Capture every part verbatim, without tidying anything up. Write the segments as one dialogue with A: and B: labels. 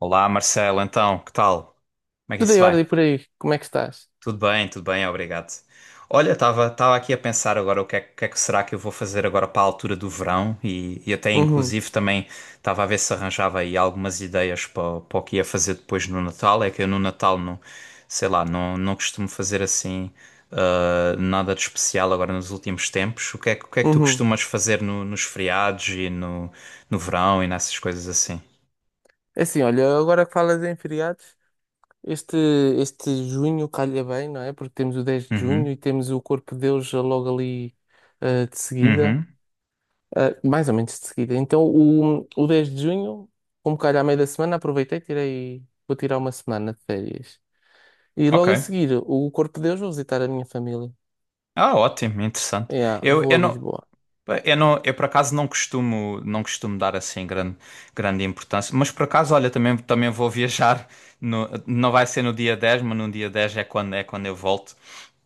A: Olá Marcelo, então, que tal? Como é que
B: Tudo
A: isso
B: em
A: vai?
B: ordem por aí, como é que estás?
A: Tudo bem, tudo bem, obrigado. Olha, estava estava aqui a pensar agora o que é, que é que será que eu vou fazer agora para a altura do verão e, e até
B: Uhum,
A: inclusive também estava a ver se arranjava aí algumas ideias para, o- para o que ia fazer depois no Natal. É que eu no Natal não, sei lá, não, não costumo fazer assim ah, nada de especial agora nos últimos tempos. O que é, que o que é que tu
B: uhum.
A: costumas fazer no- nos feriados e no, no verão e nessas coisas assim?
B: É assim, olha, agora que falas em feriados, este, este junho calha bem, não é? Porque temos o dez de
A: Uhum,
B: junho e temos o Corpo de Deus já logo ali eh, de seguida,
A: uhum.
B: eh, mais ou menos de seguida. Então, o, o dez de junho, como calha à meia da semana, aproveitei, tirei, vou tirar uma semana de férias. E
A: Ok.
B: logo a seguir, o Corpo de Deus, vou visitar a minha família.
A: Ah, ótimo, interessante.
B: Yeah,
A: Eu,
B: vou
A: eu
B: a
A: não,
B: Lisboa.
A: pá, eu não, eu por acaso não costumo, não costumo dar assim grande, grande importância, mas por acaso, olha, também, também vou viajar, no- não vai ser no dia dez, mas no dia dez é quando, é quando eu volto.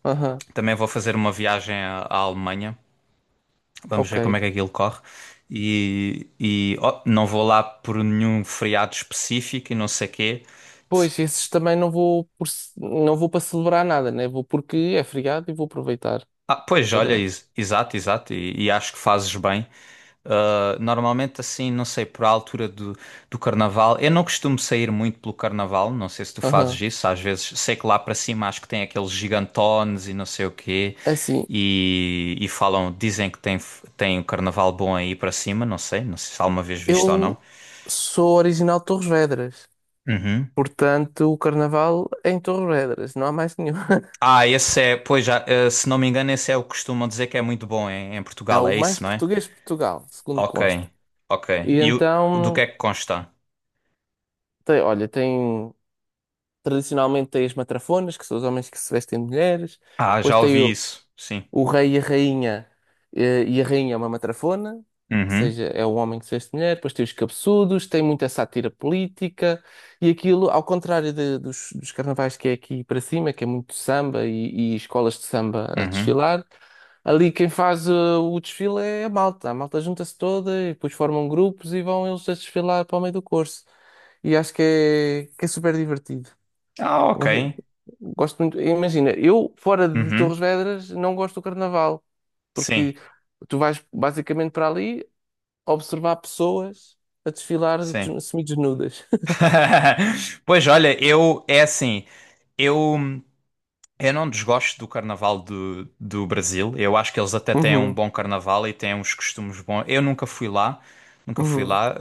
B: Aham,
A: Também vou fazer uma viagem à, à Alemanha, vamos
B: ok.
A: ver como é que aquilo corre. E, e ó, não vou lá por nenhum feriado específico e não sei quê.
B: Pois, esses também não vou por ce- não vou para celebrar nada, né? Vou porque é feriado e vou aproveitar
A: Ah, pois, olha,
B: para.
A: ex- exato, exato, e, e acho que fazes bem. Uh, normalmente assim, não sei, por a altura do, do carnaval, eu não costumo sair muito pelo carnaval, não sei se tu fazes
B: Aham.
A: isso, às vezes sei que lá para cima acho que tem aqueles gigantones e não sei o quê,
B: É assim,
A: e, e falam, dizem que tem, tem o carnaval bom aí para cima, não sei, não sei se alguma vez visto ou não.
B: eu sou original de Torres Vedras,
A: Uhum.
B: portanto o carnaval é em Torres Vedras, não há mais nenhum.
A: Ah, esse é, pois já, eh, se não me engano, esse é o que costumam dizer que é muito bom em, em
B: É
A: Portugal,
B: o
A: é
B: mais
A: isso, não é?
B: português de Portugal, segundo
A: Ok,
B: consta.
A: ok.
B: E
A: E o, do que
B: então,
A: é que consta?
B: tem, olha, tem tradicionalmente tem as matrafonas, que são os homens que se vestem de mulheres,
A: Ah,
B: depois
A: já
B: tem
A: ouvi
B: o-
A: isso, sim.
B: o rei e a rainha, eh, e a rainha é uma matrafona, ou
A: Uhum,
B: seja, é um homem que se veste de mulher, depois tem os cabeçudos, tem muita sátira política, e aquilo, ao contrário de- dos, dos carnavais que é aqui para cima, que é muito samba e, e escolas de samba a
A: uhum.
B: desfilar, ali quem faz eh, o desfile é a malta, a malta junta-se toda e depois formam grupos e vão eles a desfilar para o meio do curso. E acho que é, que é super divertido.
A: Ah, ok.
B: Gosto gosto muito. Imagina, eu fora de Torres
A: Uhum.
B: Vedras não gosto do carnaval.
A: Sim,
B: Porque tu vais basicamente para ali observar pessoas a desfilar
A: sim.
B: des- semi-desnudas.
A: Pois olha, eu é assim, eu, eu não desgosto do carnaval do, do Brasil. Eu acho que eles até têm um
B: Uhum,
A: bom carnaval e têm uns costumes bons. Eu nunca fui lá, nunca fui
B: uhum.
A: lá.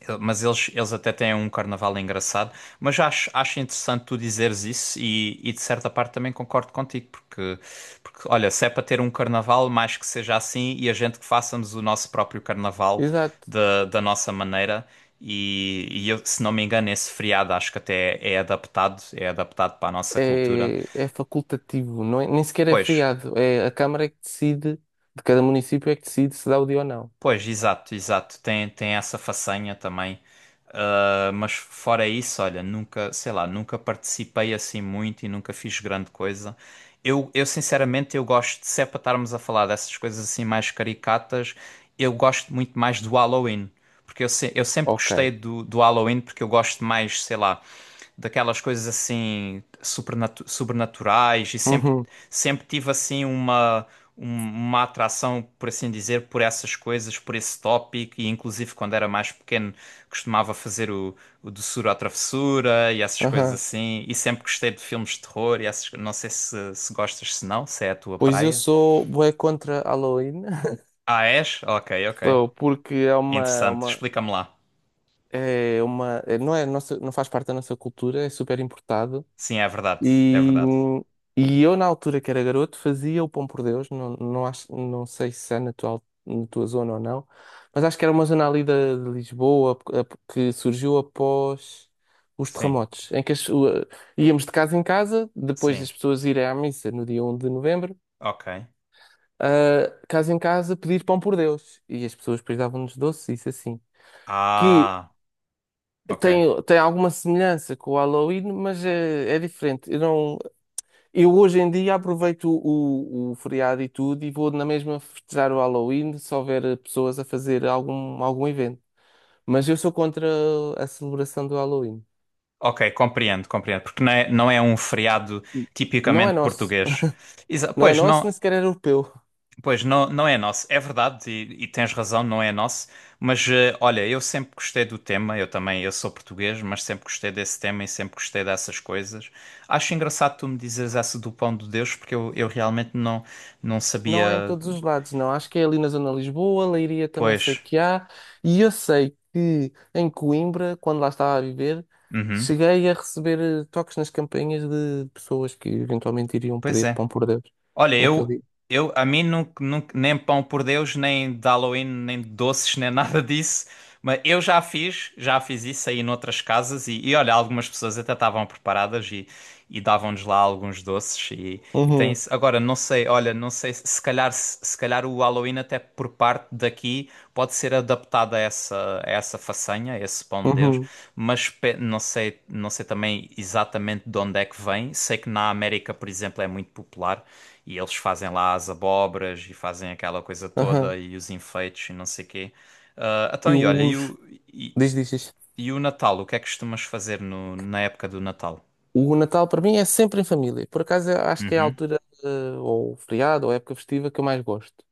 A: Ele- Mas eles, eles até têm um carnaval engraçado. Mas acho, acho interessante tu dizeres isso e, e de certa parte também concordo contigo, porque, porque olha, se é para ter um carnaval, mais que seja assim, e a gente que façamos o nosso próprio carnaval
B: Exato.
A: da, da nossa maneira. E, e eu, se não me engano, esse feriado acho que até é adaptado, é adaptado para a nossa cultura.
B: É, é facultativo, não é, nem sequer é
A: Pois.
B: feriado. É a Câmara é que decide, de cada município é que decide se dá o dia ou não.
A: Pois, exato, exato. Tem, tem essa façanha também. Ah, mas fora isso, olha, nunca, sei lá, nunca participei assim muito e nunca fiz grande coisa. Eu, eu sinceramente, eu gosto, se é para estarmos a falar dessas coisas assim mais caricatas, eu gosto muito mais do Halloween. Porque eu, se- eu sempre
B: Ok.
A: gostei do, do Halloween, porque eu gosto mais, sei lá daquelas coisas assim supernatu- sobrenaturais e sempre,
B: Uhum,
A: sempre tive assim uma, um- uma atração, por assim dizer, por essas coisas, por esse tópico e inclusive quando era mais pequeno costumava fazer o, o doçura à travessura e essas coisas
B: aham.
A: assim e sempre gostei de filmes de terror e essas, não sei se, se gostas, se não, se é a tua
B: Pois eu
A: praia.
B: sou bué contra Halloween.
A: Ah, és? Ok, ok.
B: Sou, porque é uma,
A: Interessante.
B: uma,
A: Explica-me lá.
B: é uma, é- não é nossa, não faz parte da nossa cultura, é super importado.
A: Sim, é verdade, é
B: E,
A: verdade.
B: e eu, na altura que era garoto, fazia o Pão por Deus. Não, não, acho, não sei se é na tua, al- na tua zona ou não, mas acho que era uma zona ali da- de, Lisboa p- a- que surgiu após os
A: Sim,
B: terremotos, em que as- o- íamos de casa em casa, depois
A: sim.
B: das pessoas irem à missa no dia um de novembro,
A: Ok.
B: ah, casa em casa pedir Pão por Deus. E as pessoas depois davam-nos doces, isso assim. Que
A: Ah, ok.
B: tem, tem alguma semelhança com o Halloween, mas é, é diferente. Eu não. Eu hoje em dia aproveito o, o feriado e tudo e vou na mesma festejar o Halloween se houver eh, pessoas a fazer algum, algum evento. Mas eu sou contra a celebração do Halloween.
A: Ok, compreendo, compreendo, porque não é, não é um feriado
B: Não é
A: tipicamente
B: nosso.
A: português. Exa-
B: Não é
A: pois
B: nosso, nem
A: não,
B: sequer é europeu.
A: pois não, não é nosso, é verdade e, e tens razão, não é nosso. Mas eh, olha, eu sempre gostei do tema, eu também, eu sou português, mas sempre gostei desse tema e sempre gostei dessas coisas. Acho engraçado tu me dizeres essa do pão de Deus, porque eu, eu realmente não, não
B: Não há em
A: sabia.
B: todos os lados, não. Acho que é ali na zona de Lisboa, Leiria também sei
A: Pois,
B: que há. E eu sei que em Coimbra, quando lá estava a viver,
A: uhum,
B: cheguei a receber eh, toques nas campainhas de pessoas que eventualmente iriam
A: pois
B: pedir
A: é.
B: pão por Deus
A: Olha,
B: naquele
A: eu,
B: dia.
A: eu a mim nunca, nunca- nem pão por Deus, nem de Halloween, nem de doces, nem nada disso. Mas eu já fiz, já fiz isso aí noutras casas e, e olha, algumas pessoas até estavam preparadas e, e davam-nos lá alguns doces e, e tem
B: Uhum,
A: isso. Agora, não sei, olha, não sei, se se calhar, se, se calhar o Halloween até por parte daqui pode ser adaptado a essa, a essa façanha, a esse pão de Deus,
B: uhum,
A: mas pe- não sei, não sei também exatamente de onde é que vem. Sei que na América, por exemplo, é muito popular. E eles fazem lá as abóboras e fazem aquela coisa
B: aham.
A: toda e os enfeites e não sei quê. Ah,
B: E
A: então, e olha, e
B: os.
A: o, e,
B: Diz, diz, diz.
A: e o Natal? O que é que costumas fazer no, na época do Natal?
B: O Natal para mim é sempre em família. Por acaso eu acho que é a
A: Uhum.
B: altura, eh, ou feriado, ou época festiva que eu mais gosto.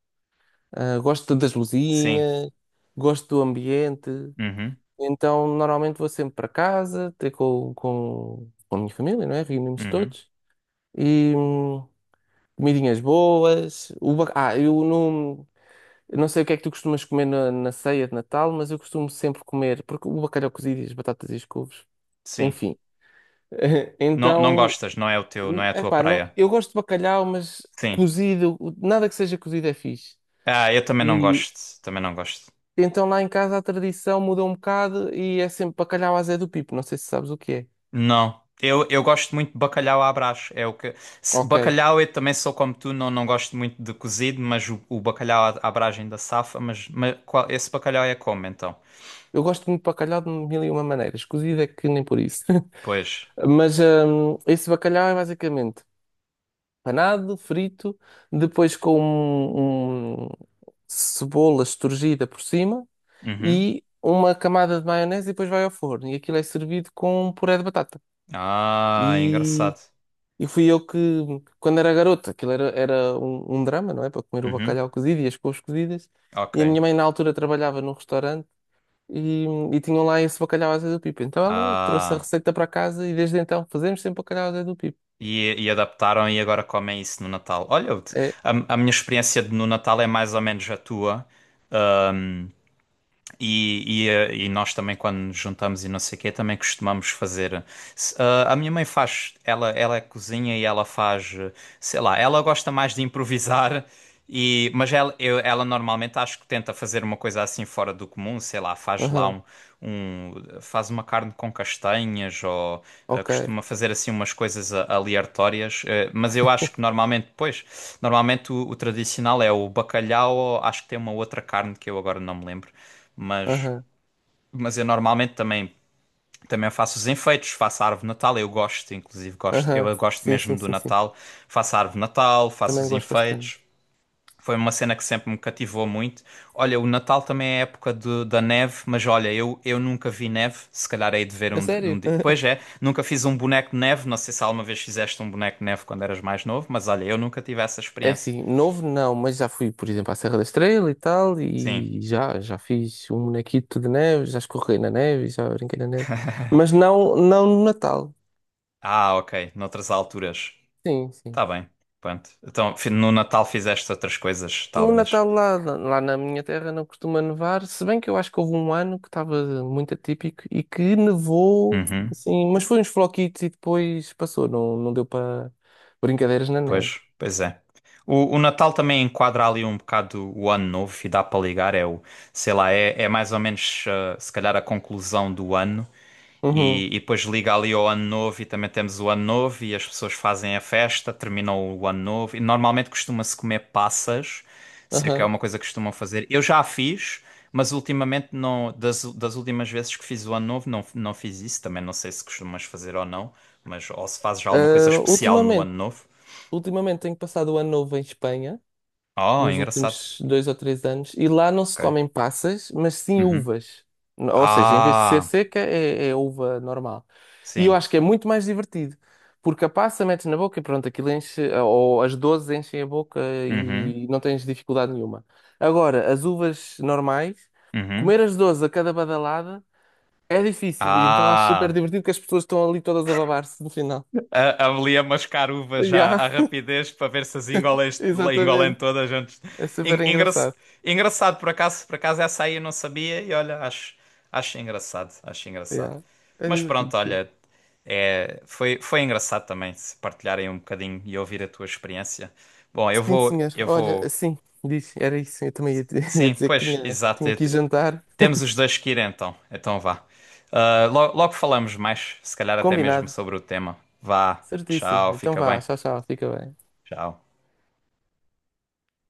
B: Ah, gosto das
A: Sim.
B: luzinhas, gosto do ambiente.
A: Uhum.
B: Então normalmente vou sempre para casa, ter com, com, com a minha família, não é? Reunimos
A: Uhum.
B: todos. E hum, comidinhas boas. O ba- ah, eu não, eu não sei o que é que tu costumas comer na, na ceia de Natal, mas eu costumo sempre comer, porque o bacalhau cozido e as batatas e as couves,
A: Sim.
B: enfim.
A: Não, não
B: Então.
A: gostas, não é o teu, não é a tua
B: Epá, não,
A: praia.
B: eu gosto de bacalhau, mas
A: Sim.
B: cozido, nada que seja cozido é fixe.
A: Ah, eu também não
B: E
A: gosto. Também não gosto.
B: então lá em casa a tradição mudou um bocado e é sempre bacalhau à Zé do Pipo, não sei se sabes o que é.
A: Não. Eu, eu gosto muito de bacalhau à Brás. É o que... se-
B: Ok.
A: Bacalhau eu também sou como tu, não, não gosto muito de cozido, mas o, o bacalhau à à Brás ainda safa, mas, mas qual- esse bacalhau é como então?
B: Eu gosto muito de bacalhau de mil e uma maneiras, cozido é que nem por isso.
A: Pois.
B: Mas hum, esse bacalhau é basicamente panado, frito, depois com um, um- cebola esturgida por cima
A: Uhum.
B: e uma camada de maionese e depois vai ao forno. E aquilo é servido com um puré de batata.
A: Ah,
B: E
A: engraçado.
B: E fui eu que, quando era garota, aquilo era, era um, um drama, não é? Para comer o
A: Uhum.
B: bacalhau cozido e as couves cozidas.
A: Ok.
B: E a minha mãe, na altura, trabalhava num restaurante e, e tinham lá esse bacalhau à Zé do Pipo. Então ela trouxe a
A: Ah.
B: receita para casa e desde então fazemos sempre bacalhau à Zé do Pipo.
A: E, e adaptaram e agora comem isso no Natal. Olha, eu te-
B: É,
A: a, a minha experiência de- no Natal é mais ou menos a tua. E, e, eh, e nós também, quando nos juntamos e não sei o quê, também costumamos fazer. Se- ah, a minha mãe faz, ela, ela cozinha e ela faz, eh, sei lá, ela gosta mais de improvisar, e, mas ela, eu- ela normalmente acho que tenta fazer uma coisa assim fora do comum, sei lá, faz lá
B: aham,
A: um, um faz uma carne com castanhas ou eh,
B: ok,
A: costuma fazer assim umas coisas a- aleatórias, eh, mas eu acho que normalmente, pois, normalmente o, o tradicional é o bacalhau, ou acho que tem uma outra carne que eu agora não me lembro. Mas,
B: aham,
A: mas eu normalmente também, também faço os enfeites, faço a árvore de Natal, eu gosto, inclusive gosto,
B: aham,
A: eu gosto
B: sim, sim,
A: mesmo do
B: sim, sim.
A: Natal, faço a árvore de Natal, faço
B: Também
A: os
B: gosto bastante.
A: enfeites. Foi uma cena que sempre me cativou muito. Olha, o Natal também é a época de- da neve, mas olha, eu, eu nunca vi neve. Se calhar hei de ver
B: A
A: um, um
B: sério?
A: dia. Pois é, nunca fiz um boneco de neve. Não sei se alguma vez fizeste um boneco de neve quando eras mais novo, mas olha, eu nunca tive essa
B: É
A: experiência.
B: assim, novo não, mas já fui, por exemplo, à Serra da Estrela e tal,
A: Sim.
B: e já, já fiz um bonequito de neve, já escorreguei na neve, já brinquei na neve. Mas não, não no Natal.
A: Ah, ok. Noutras alturas.
B: Sim, sim.
A: Tá bem, pronto. Então, fi- no Natal fizeste outras coisas,
B: O
A: talvez.
B: Natal lá, lá na minha terra não costuma nevar, se bem que eu acho que houve um ano que estava muito atípico e que nevou,
A: Uhum.
B: assim, mas foi uns floquitos e depois passou, não, não deu para brincadeiras na neve.
A: Pois, pois é. O, o Natal também enquadra ali um bocado o ano novo e dá para ligar. É o, sei lá, é, é mais ou menos, eh, se calhar, a conclusão do ano. E,
B: Uhum,
A: e depois liga ali ao ano novo e também temos o ano novo e as pessoas fazem a festa, terminam o ano novo. E normalmente costuma-se comer passas, sei que é
B: aham.
A: uma coisa que costumam fazer. Eu já a fiz, mas ultimamente não, das, das últimas vezes que fiz o ano novo, não, não fiz isso. Também não sei se costumas fazer ou não, mas ou se fazes já alguma coisa
B: Ah,
A: especial no
B: ultimamente,
A: ano novo.
B: ultimamente tenho passado o ano novo em Espanha.
A: Oh,
B: Nos
A: engraçado.
B: últimos dois ou três anos. E lá não se
A: Ok.
B: comem passas, mas sim
A: Uhum.
B: uvas. Ou seja, em vez de ser
A: Ah,
B: seca, é, é uva normal. E eu
A: sim.
B: acho que é muito mais divertido. Porque a passa metes na boca e pronto, aquilo enche, ou as dozes enchem a boca
A: Uhum.
B: e não tens dificuldade nenhuma. Agora, as uvas normais,
A: Uhum.
B: comer as dozes a cada badalada é difícil. E então acho super
A: Ah,
B: divertido que as pessoas estão ali todas a babar-se no final.
A: a, ali a mascar uvas já
B: Yeah,
A: à rapidez para ver se as engolem, engolem
B: exatamente.
A: todas antes.
B: É super
A: En- engra-
B: engraçado.
A: Engraçado, por acaso, por acaso essa aí eu não sabia e olha, acho, acho engraçado, acho engraçado.
B: Yeah, é
A: Mas
B: divertido,
A: pronto,
B: sim.
A: olha, é, foi, foi engraçado também se partilharem um bocadinho e ouvir a tua experiência. Bom, eu
B: Sim,
A: vou,
B: senhor.
A: eu
B: Olha,
A: vou.
B: assim, disse, era isso. Eu também ia, di- ia
A: Sim,
B: dizer que
A: pois,
B: tinha,
A: exato.
B: tinha
A: Eu
B: aqui
A: te-
B: jantar
A: Temos os dois que ir então. Então vá. Ah, lo- logo falamos mais, se calhar até mesmo
B: combinado.
A: sobre o tema. Vá,
B: Certíssimo.
A: tchau,
B: Então
A: fica bem.
B: vá, tchau, tchau. Fica bem.
A: Tchau.